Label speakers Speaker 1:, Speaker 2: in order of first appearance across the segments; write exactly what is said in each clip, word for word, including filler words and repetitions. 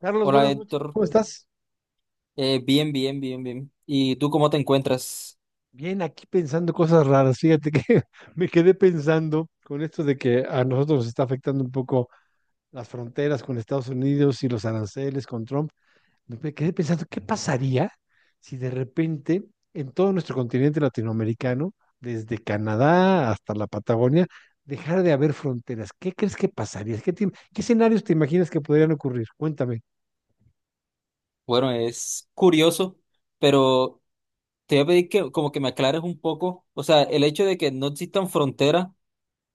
Speaker 1: Carlos,
Speaker 2: Hola
Speaker 1: buenas noches.
Speaker 2: Héctor.
Speaker 1: ¿Cómo estás?
Speaker 2: Eh, bien, bien, bien, bien. ¿Y tú cómo te encuentras?
Speaker 1: Bien, aquí pensando cosas raras. Fíjate que me quedé pensando con esto de que a nosotros nos está afectando un poco las fronteras con Estados Unidos y los aranceles con Trump. Me quedé pensando, ¿qué pasaría si de repente en todo nuestro continente latinoamericano, desde Canadá hasta la Patagonia, dejara de haber fronteras? ¿Qué crees que pasaría? ¿Qué, te- qué escenarios te imaginas que podrían ocurrir? Cuéntame.
Speaker 2: Bueno, es curioso, pero te voy a pedir que como que me aclares un poco, o sea, el hecho de que no existan fronteras,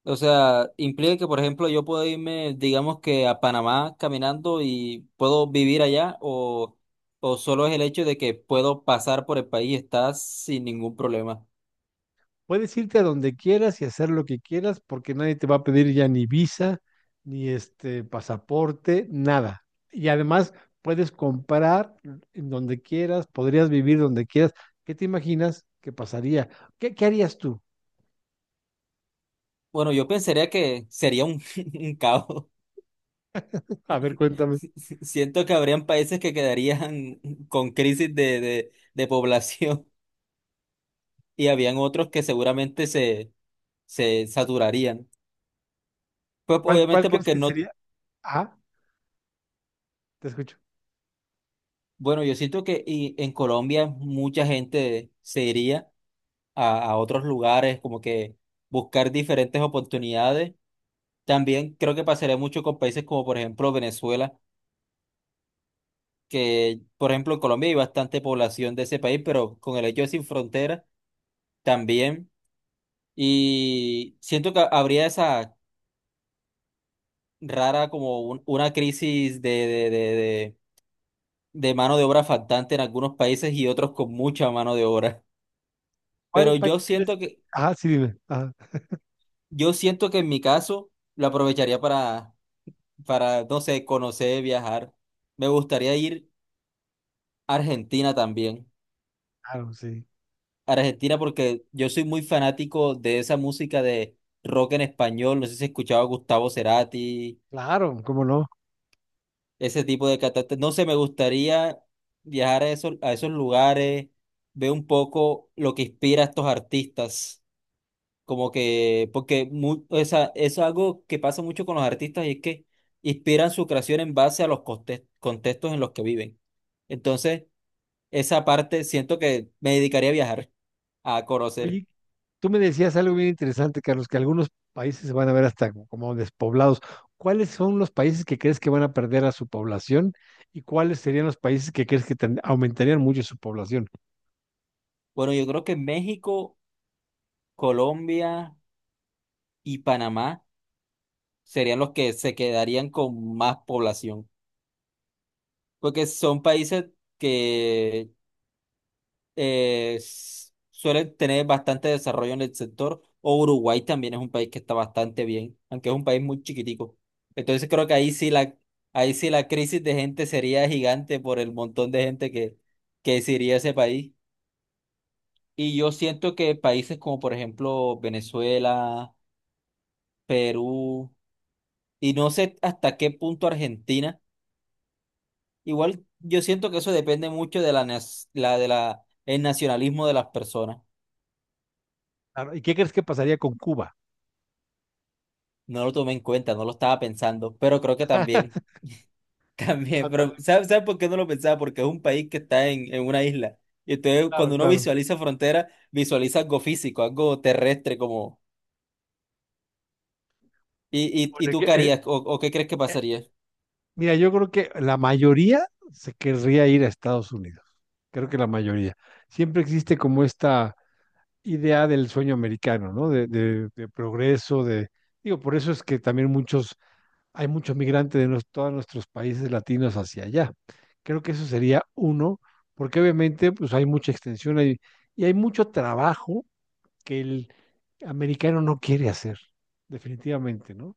Speaker 2: o sea, implica que, por ejemplo, yo puedo irme, digamos que a Panamá caminando y puedo vivir allá, o, o solo es el hecho de que puedo pasar por el país y estar sin ningún problema.
Speaker 1: Puedes irte a donde quieras y hacer lo que quieras porque nadie te va a pedir ya ni visa, ni este pasaporte, nada. Y además puedes comprar en donde quieras, podrías vivir donde quieras. ¿Qué te imaginas que pasaría? ¿Qué, qué harías tú?
Speaker 2: Bueno, yo pensaría que sería un, un caos.
Speaker 1: A ver, cuéntame.
Speaker 2: Si, si, Siento que habrían países que quedarían con crisis de, de, de población y habían otros que seguramente se, se saturarían. Pues
Speaker 1: ¿Cuál, cuál
Speaker 2: obviamente
Speaker 1: crees
Speaker 2: porque
Speaker 1: que
Speaker 2: no,
Speaker 1: sería? Ah, te escucho.
Speaker 2: bueno, yo siento que y en Colombia mucha gente se iría a, a otros lugares, como que buscar diferentes oportunidades. También creo que pasaría mucho con países como por ejemplo Venezuela, que por ejemplo en Colombia hay bastante población de ese país, pero con el hecho de sin fronteras también. Y siento que habría esa rara como un- una crisis de, de, de, de, de mano de obra faltante en algunos países y otros con mucha mano de obra.
Speaker 1: ¿Cuál
Speaker 2: Pero
Speaker 1: país
Speaker 2: yo
Speaker 1: crees?
Speaker 2: siento que,
Speaker 1: Ah, sí, dime. Ah,
Speaker 2: yo siento que en mi caso lo aprovecharía para, para, no sé, conocer, viajar. Me gustaría ir a Argentina también.
Speaker 1: claro, sí.
Speaker 2: Argentina porque yo soy muy fanático de esa música de rock en español. No sé si has escuchado a Gustavo Cerati
Speaker 1: Claro, cómo no.
Speaker 2: ese tipo de catástrofes. No sé, me gustaría viajar a esos, a esos lugares, ver un poco lo que inspira a estos artistas. Como que, porque mu- o sea, es algo que pasa mucho con los artistas y es que inspiran su creación en base a los conte- contextos en los que viven. Entonces, esa parte siento que me dedicaría a viajar, a conocer.
Speaker 1: Oye, tú me decías algo bien interesante, Carlos, que algunos países se van a ver hasta como despoblados. ¿Cuáles son los países que crees que van a perder a su población y cuáles serían los países que crees que ten- aumentarían mucho su población?
Speaker 2: Bueno, yo creo que México, Colombia y Panamá serían los que se quedarían con más población, porque son países que eh, s- suelen tener bastante desarrollo en el sector, o Uruguay también es un país que está bastante bien, aunque es un país muy chiquitico. Entonces creo que ahí sí la, ahí sí la crisis de gente sería gigante por el montón de gente que, que se iría a ese país. Y yo siento que países como por ejemplo Venezuela, Perú, y no sé hasta qué punto Argentina. Igual yo siento que eso depende mucho de la, nas- la, de la, el nacionalismo de las personas.
Speaker 1: Claro, ¿y qué crees que pasaría con Cuba?
Speaker 2: No lo tomé en cuenta, no lo estaba pensando, pero creo que también, también,
Speaker 1: Ah,
Speaker 2: pero
Speaker 1: también.
Speaker 2: ¿sabes, sabes por qué no lo pensaba? Porque es un país que está en, en una isla. Y entonces
Speaker 1: Claro,
Speaker 2: cuando uno
Speaker 1: claro.
Speaker 2: visualiza frontera, visualiza algo físico, algo terrestre como... ¿Y, y, y
Speaker 1: Bueno,
Speaker 2: tú
Speaker 1: que,
Speaker 2: qué
Speaker 1: eh,
Speaker 2: harías o, o qué crees que pasaría?
Speaker 1: mira, yo creo que la mayoría se querría ir a Estados Unidos. Creo que la mayoría. Siempre existe como esta idea del sueño americano, ¿no? De, de- de progreso, de... Digo, por eso es que también muchos hay muchos migrantes de nos- todos nuestros países latinos hacia allá. Creo que eso sería uno, porque obviamente pues hay mucha extensión hay- y hay mucho trabajo que el americano no quiere hacer, definitivamente, ¿no?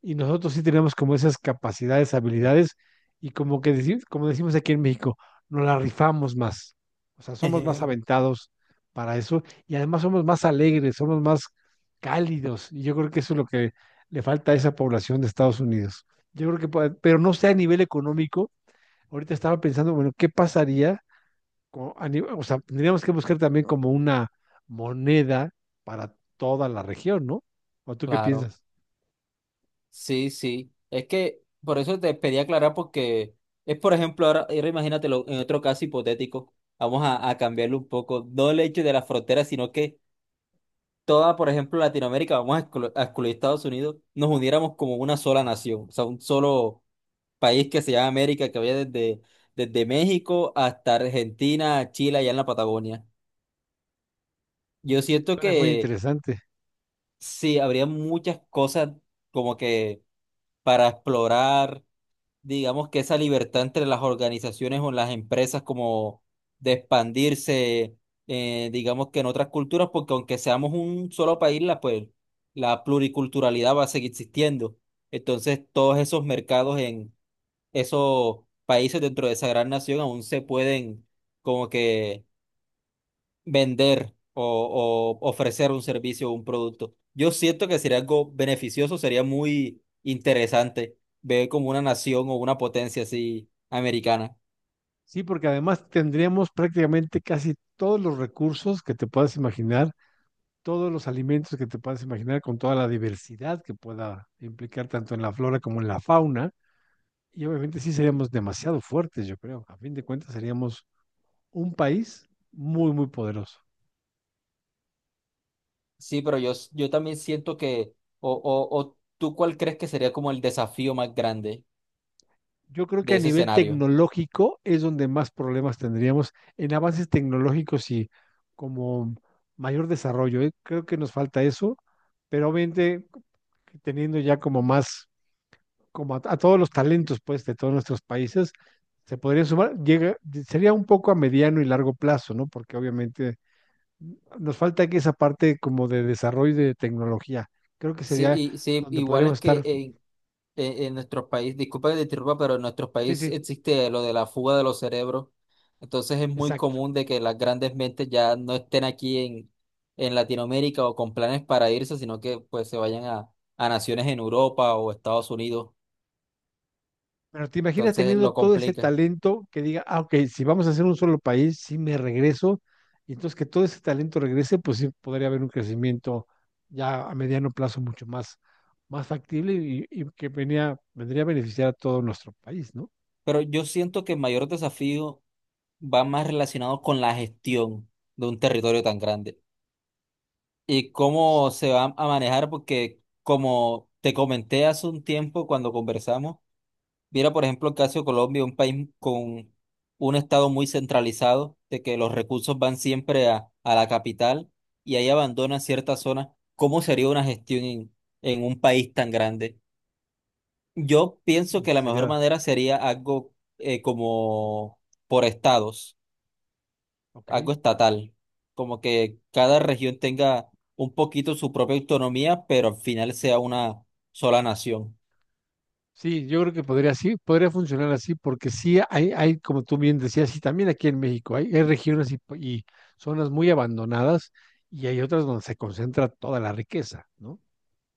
Speaker 1: Y nosotros sí tenemos como esas capacidades, habilidades, y como que decimos, como decimos aquí en México, nos la rifamos más. O sea, somos más aventados para eso y además somos más alegres, somos más cálidos. Y yo creo que eso es lo que le falta a esa población de Estados Unidos. Yo creo que, puede- pero no sea a nivel económico. Ahorita estaba pensando, bueno, ¿qué pasaría? Con- a nivel- o sea, tendríamos que buscar también como una moneda para toda la región, ¿no? ¿O tú qué
Speaker 2: Claro.
Speaker 1: piensas?
Speaker 2: Sí, sí. Es que por eso te pedí aclarar porque es, por ejemplo, ahora, ahora imagínatelo en otro caso hipotético, vamos a, a cambiarlo un poco, no el hecho de la frontera, sino que toda, por ejemplo, Latinoamérica, vamos a exclu- a excluir Estados Unidos, nos uniéramos como una sola nación, o sea, un solo país que se llama América, que vaya desde, desde México hasta Argentina, Chile, allá en la Patagonia. Yo
Speaker 1: Eso
Speaker 2: siento
Speaker 1: es muy
Speaker 2: que
Speaker 1: interesante.
Speaker 2: sí, habría muchas cosas como que para explorar, digamos que esa libertad entre las organizaciones o las empresas como de expandirse, eh, digamos que en otras culturas, porque aunque seamos un solo país, la, pues, la pluriculturalidad va a seguir existiendo. Entonces, todos esos mercados en esos países dentro de esa gran nación aún se pueden como que vender o, o ofrecer un servicio o un producto. Yo siento que sería algo beneficioso, sería muy interesante ver como una nación o una potencia así americana.
Speaker 1: Sí, porque además tendríamos prácticamente casi todos los recursos que te puedas imaginar, todos los alimentos que te puedas imaginar, con toda la diversidad que pueda implicar tanto en la flora como en la fauna. Y obviamente sí seríamos demasiado fuertes, yo creo. A fin de cuentas seríamos un país muy, muy poderoso.
Speaker 2: Sí, pero yo, s- yo también siento que, o, o, o tú cuál crees que sería como el desafío más grande
Speaker 1: Yo creo que
Speaker 2: de
Speaker 1: a
Speaker 2: ese
Speaker 1: nivel
Speaker 2: escenario.
Speaker 1: tecnológico es donde más problemas tendríamos en avances tecnológicos y como mayor desarrollo, ¿eh? Creo que nos falta eso, pero obviamente teniendo ya como más como a, a todos los talentos, pues, de todos nuestros países, se podrían sumar, llega, sería un poco a mediano y largo plazo, ¿no? Porque obviamente nos falta aquí esa parte como de desarrollo de tecnología. Creo que
Speaker 2: Sí,
Speaker 1: sería
Speaker 2: y, sí,
Speaker 1: donde
Speaker 2: igual
Speaker 1: podríamos
Speaker 2: es que
Speaker 1: estar.
Speaker 2: en, en, en nuestros países, disculpa que te interrumpa, pero en nuestros
Speaker 1: Sí,
Speaker 2: países
Speaker 1: sí,
Speaker 2: existe lo de la fuga de los cerebros. Entonces es muy
Speaker 1: exacto.
Speaker 2: común de que las grandes mentes ya no estén aquí en, en Latinoamérica o con planes para irse, sino que pues se vayan a, a naciones en Europa o Estados Unidos.
Speaker 1: Pero te imaginas
Speaker 2: Entonces
Speaker 1: teniendo
Speaker 2: lo
Speaker 1: todo ese
Speaker 2: complica.
Speaker 1: talento que diga, ah, ok, si vamos a hacer un solo país, sí me regreso, y entonces que todo ese talento regrese, pues sí podría haber un crecimiento ya a mediano plazo mucho más, más factible y, y que venía, vendría a beneficiar a todo nuestro país, ¿no?
Speaker 2: Pero yo siento que el mayor desafío va más relacionado con la gestión de un territorio tan grande, y cómo se va a manejar, porque como te comenté hace un tiempo cuando conversamos, mira, por ejemplo, el caso de Colombia, un país con un estado muy centralizado, de que los recursos van siempre a, a la capital y ahí abandonan ciertas zonas. ¿Cómo sería una gestión en, en un país tan grande? Yo pienso
Speaker 1: Y
Speaker 2: que la mejor
Speaker 1: sería,
Speaker 2: manera sería algo eh, como por estados,
Speaker 1: ok.
Speaker 2: algo estatal, como que cada región tenga un poquito su propia autonomía, pero al final sea una sola nación.
Speaker 1: Sí, yo creo que podría sí, podría funcionar así, porque sí hay, hay, como tú bien decías, y también aquí en México, hay, hay regiones y, y zonas muy abandonadas y hay otras donde se concentra toda la riqueza, ¿no?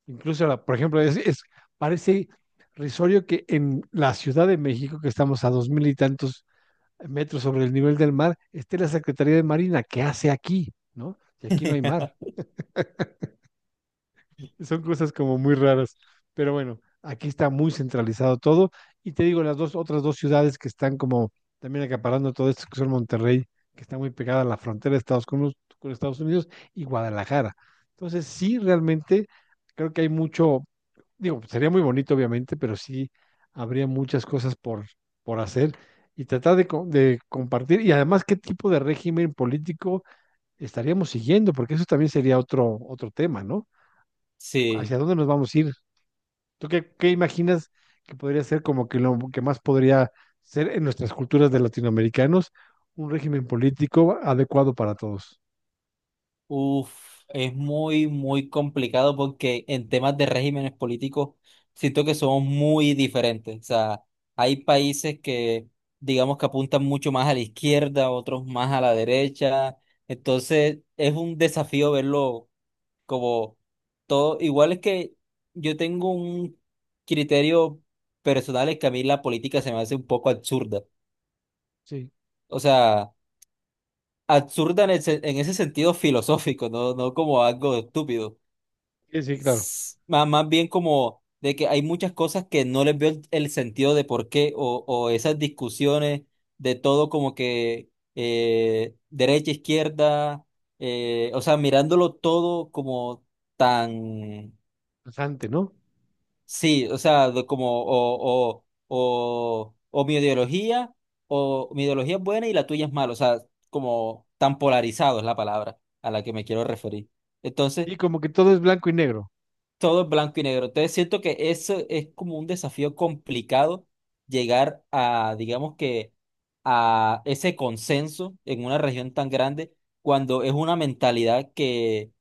Speaker 1: Incluso, la, por ejemplo, es, es- parece risorio que en la Ciudad de México, que estamos a dos mil y tantos metros sobre el nivel del mar, esté la Secretaría de Marina, ¿que hace aquí? ¿No? Y aquí no hay mar. Son cosas como muy raras. Pero bueno, aquí está muy centralizado todo. Y te digo, las dos, otras dos ciudades que están como también acaparando todo esto, que son Monterrey, que está muy pegada a la frontera de Estados con, con Estados Unidos, y Guadalajara. Entonces, sí, realmente creo que hay mucho, digo, sería muy bonito, obviamente, pero sí habría muchas cosas por, por hacer y tratar de, co- de compartir. Y además, ¿qué tipo de régimen político estaríamos siguiendo? Porque eso también sería otro, otro tema, ¿no?
Speaker 2: Sí,
Speaker 1: ¿Hacia dónde nos vamos a ir? ¿Tú qué, qué imaginas que podría ser como que lo que más podría ser en nuestras culturas de latinoamericanos un régimen político adecuado para todos?
Speaker 2: uff, es muy, muy complicado porque en temas de regímenes políticos siento que somos muy diferentes. O sea, hay países que digamos que apuntan mucho más a la izquierda, otros más a la derecha. Entonces es un desafío verlo como todo, igual es que yo tengo un criterio personal es que a mí la política se me hace un poco absurda.
Speaker 1: Sí,
Speaker 2: O sea, absurda en, el se- en ese sentido filosófico, no, no como algo estúpido.
Speaker 1: sí, sí, claro.
Speaker 2: S- Más, más bien como de que hay muchas cosas que no les veo el, el sentido de por qué o, o esas discusiones de todo como que eh, derecha, izquierda, eh, o sea, mirándolo todo como tan...
Speaker 1: Interesante, ¿no?
Speaker 2: Sí, o sea, de como o, o, o, o mi ideología, o mi ideología es buena y la tuya es mala, o sea, como tan polarizado es la palabra a la que me quiero referir. Entonces,
Speaker 1: Y como que todo es blanco y negro.
Speaker 2: todo es blanco y negro. Entonces siento que eso es como un desafío complicado llegar a, digamos que, a ese consenso en una región tan grande cuando es una mentalidad que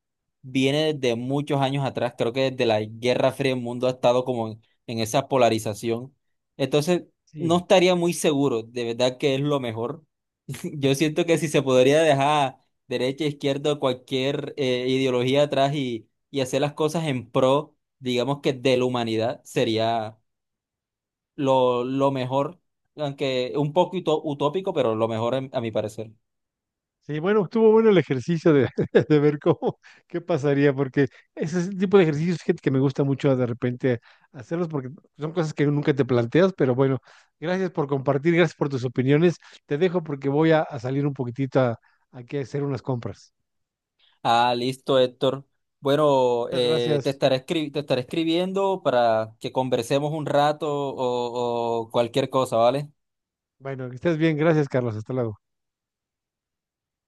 Speaker 2: viene desde muchos años atrás. Creo que desde la Guerra Fría el mundo ha estado como en, en esa polarización. Entonces no
Speaker 1: Sí.
Speaker 2: estaría muy seguro, de verdad que es lo mejor yo siento que si se podría dejar derecha, e izquierda, cualquier eh, ideología atrás y, y hacer las cosas en pro, digamos que de la humanidad, sería lo, lo mejor, aunque un poco uto- utópico, pero lo mejor en- a mi parecer.
Speaker 1: Sí, bueno, estuvo bueno el ejercicio de, de ver cómo, qué pasaría, porque ese es el tipo de ejercicios, gente, que me gusta mucho de repente hacerlos, porque son cosas que nunca te planteas, pero bueno, gracias por compartir, gracias por tus opiniones. Te dejo porque voy a, a salir un poquitito a, aquí a hacer unas compras.
Speaker 2: Ah, listo, Héctor. Bueno,
Speaker 1: Muchas
Speaker 2: eh, te
Speaker 1: gracias.
Speaker 2: estaré escri- te estaré escribiendo para que conversemos un rato o o cualquier cosa, ¿vale?
Speaker 1: Bueno, que estés bien, gracias, Carlos, hasta luego.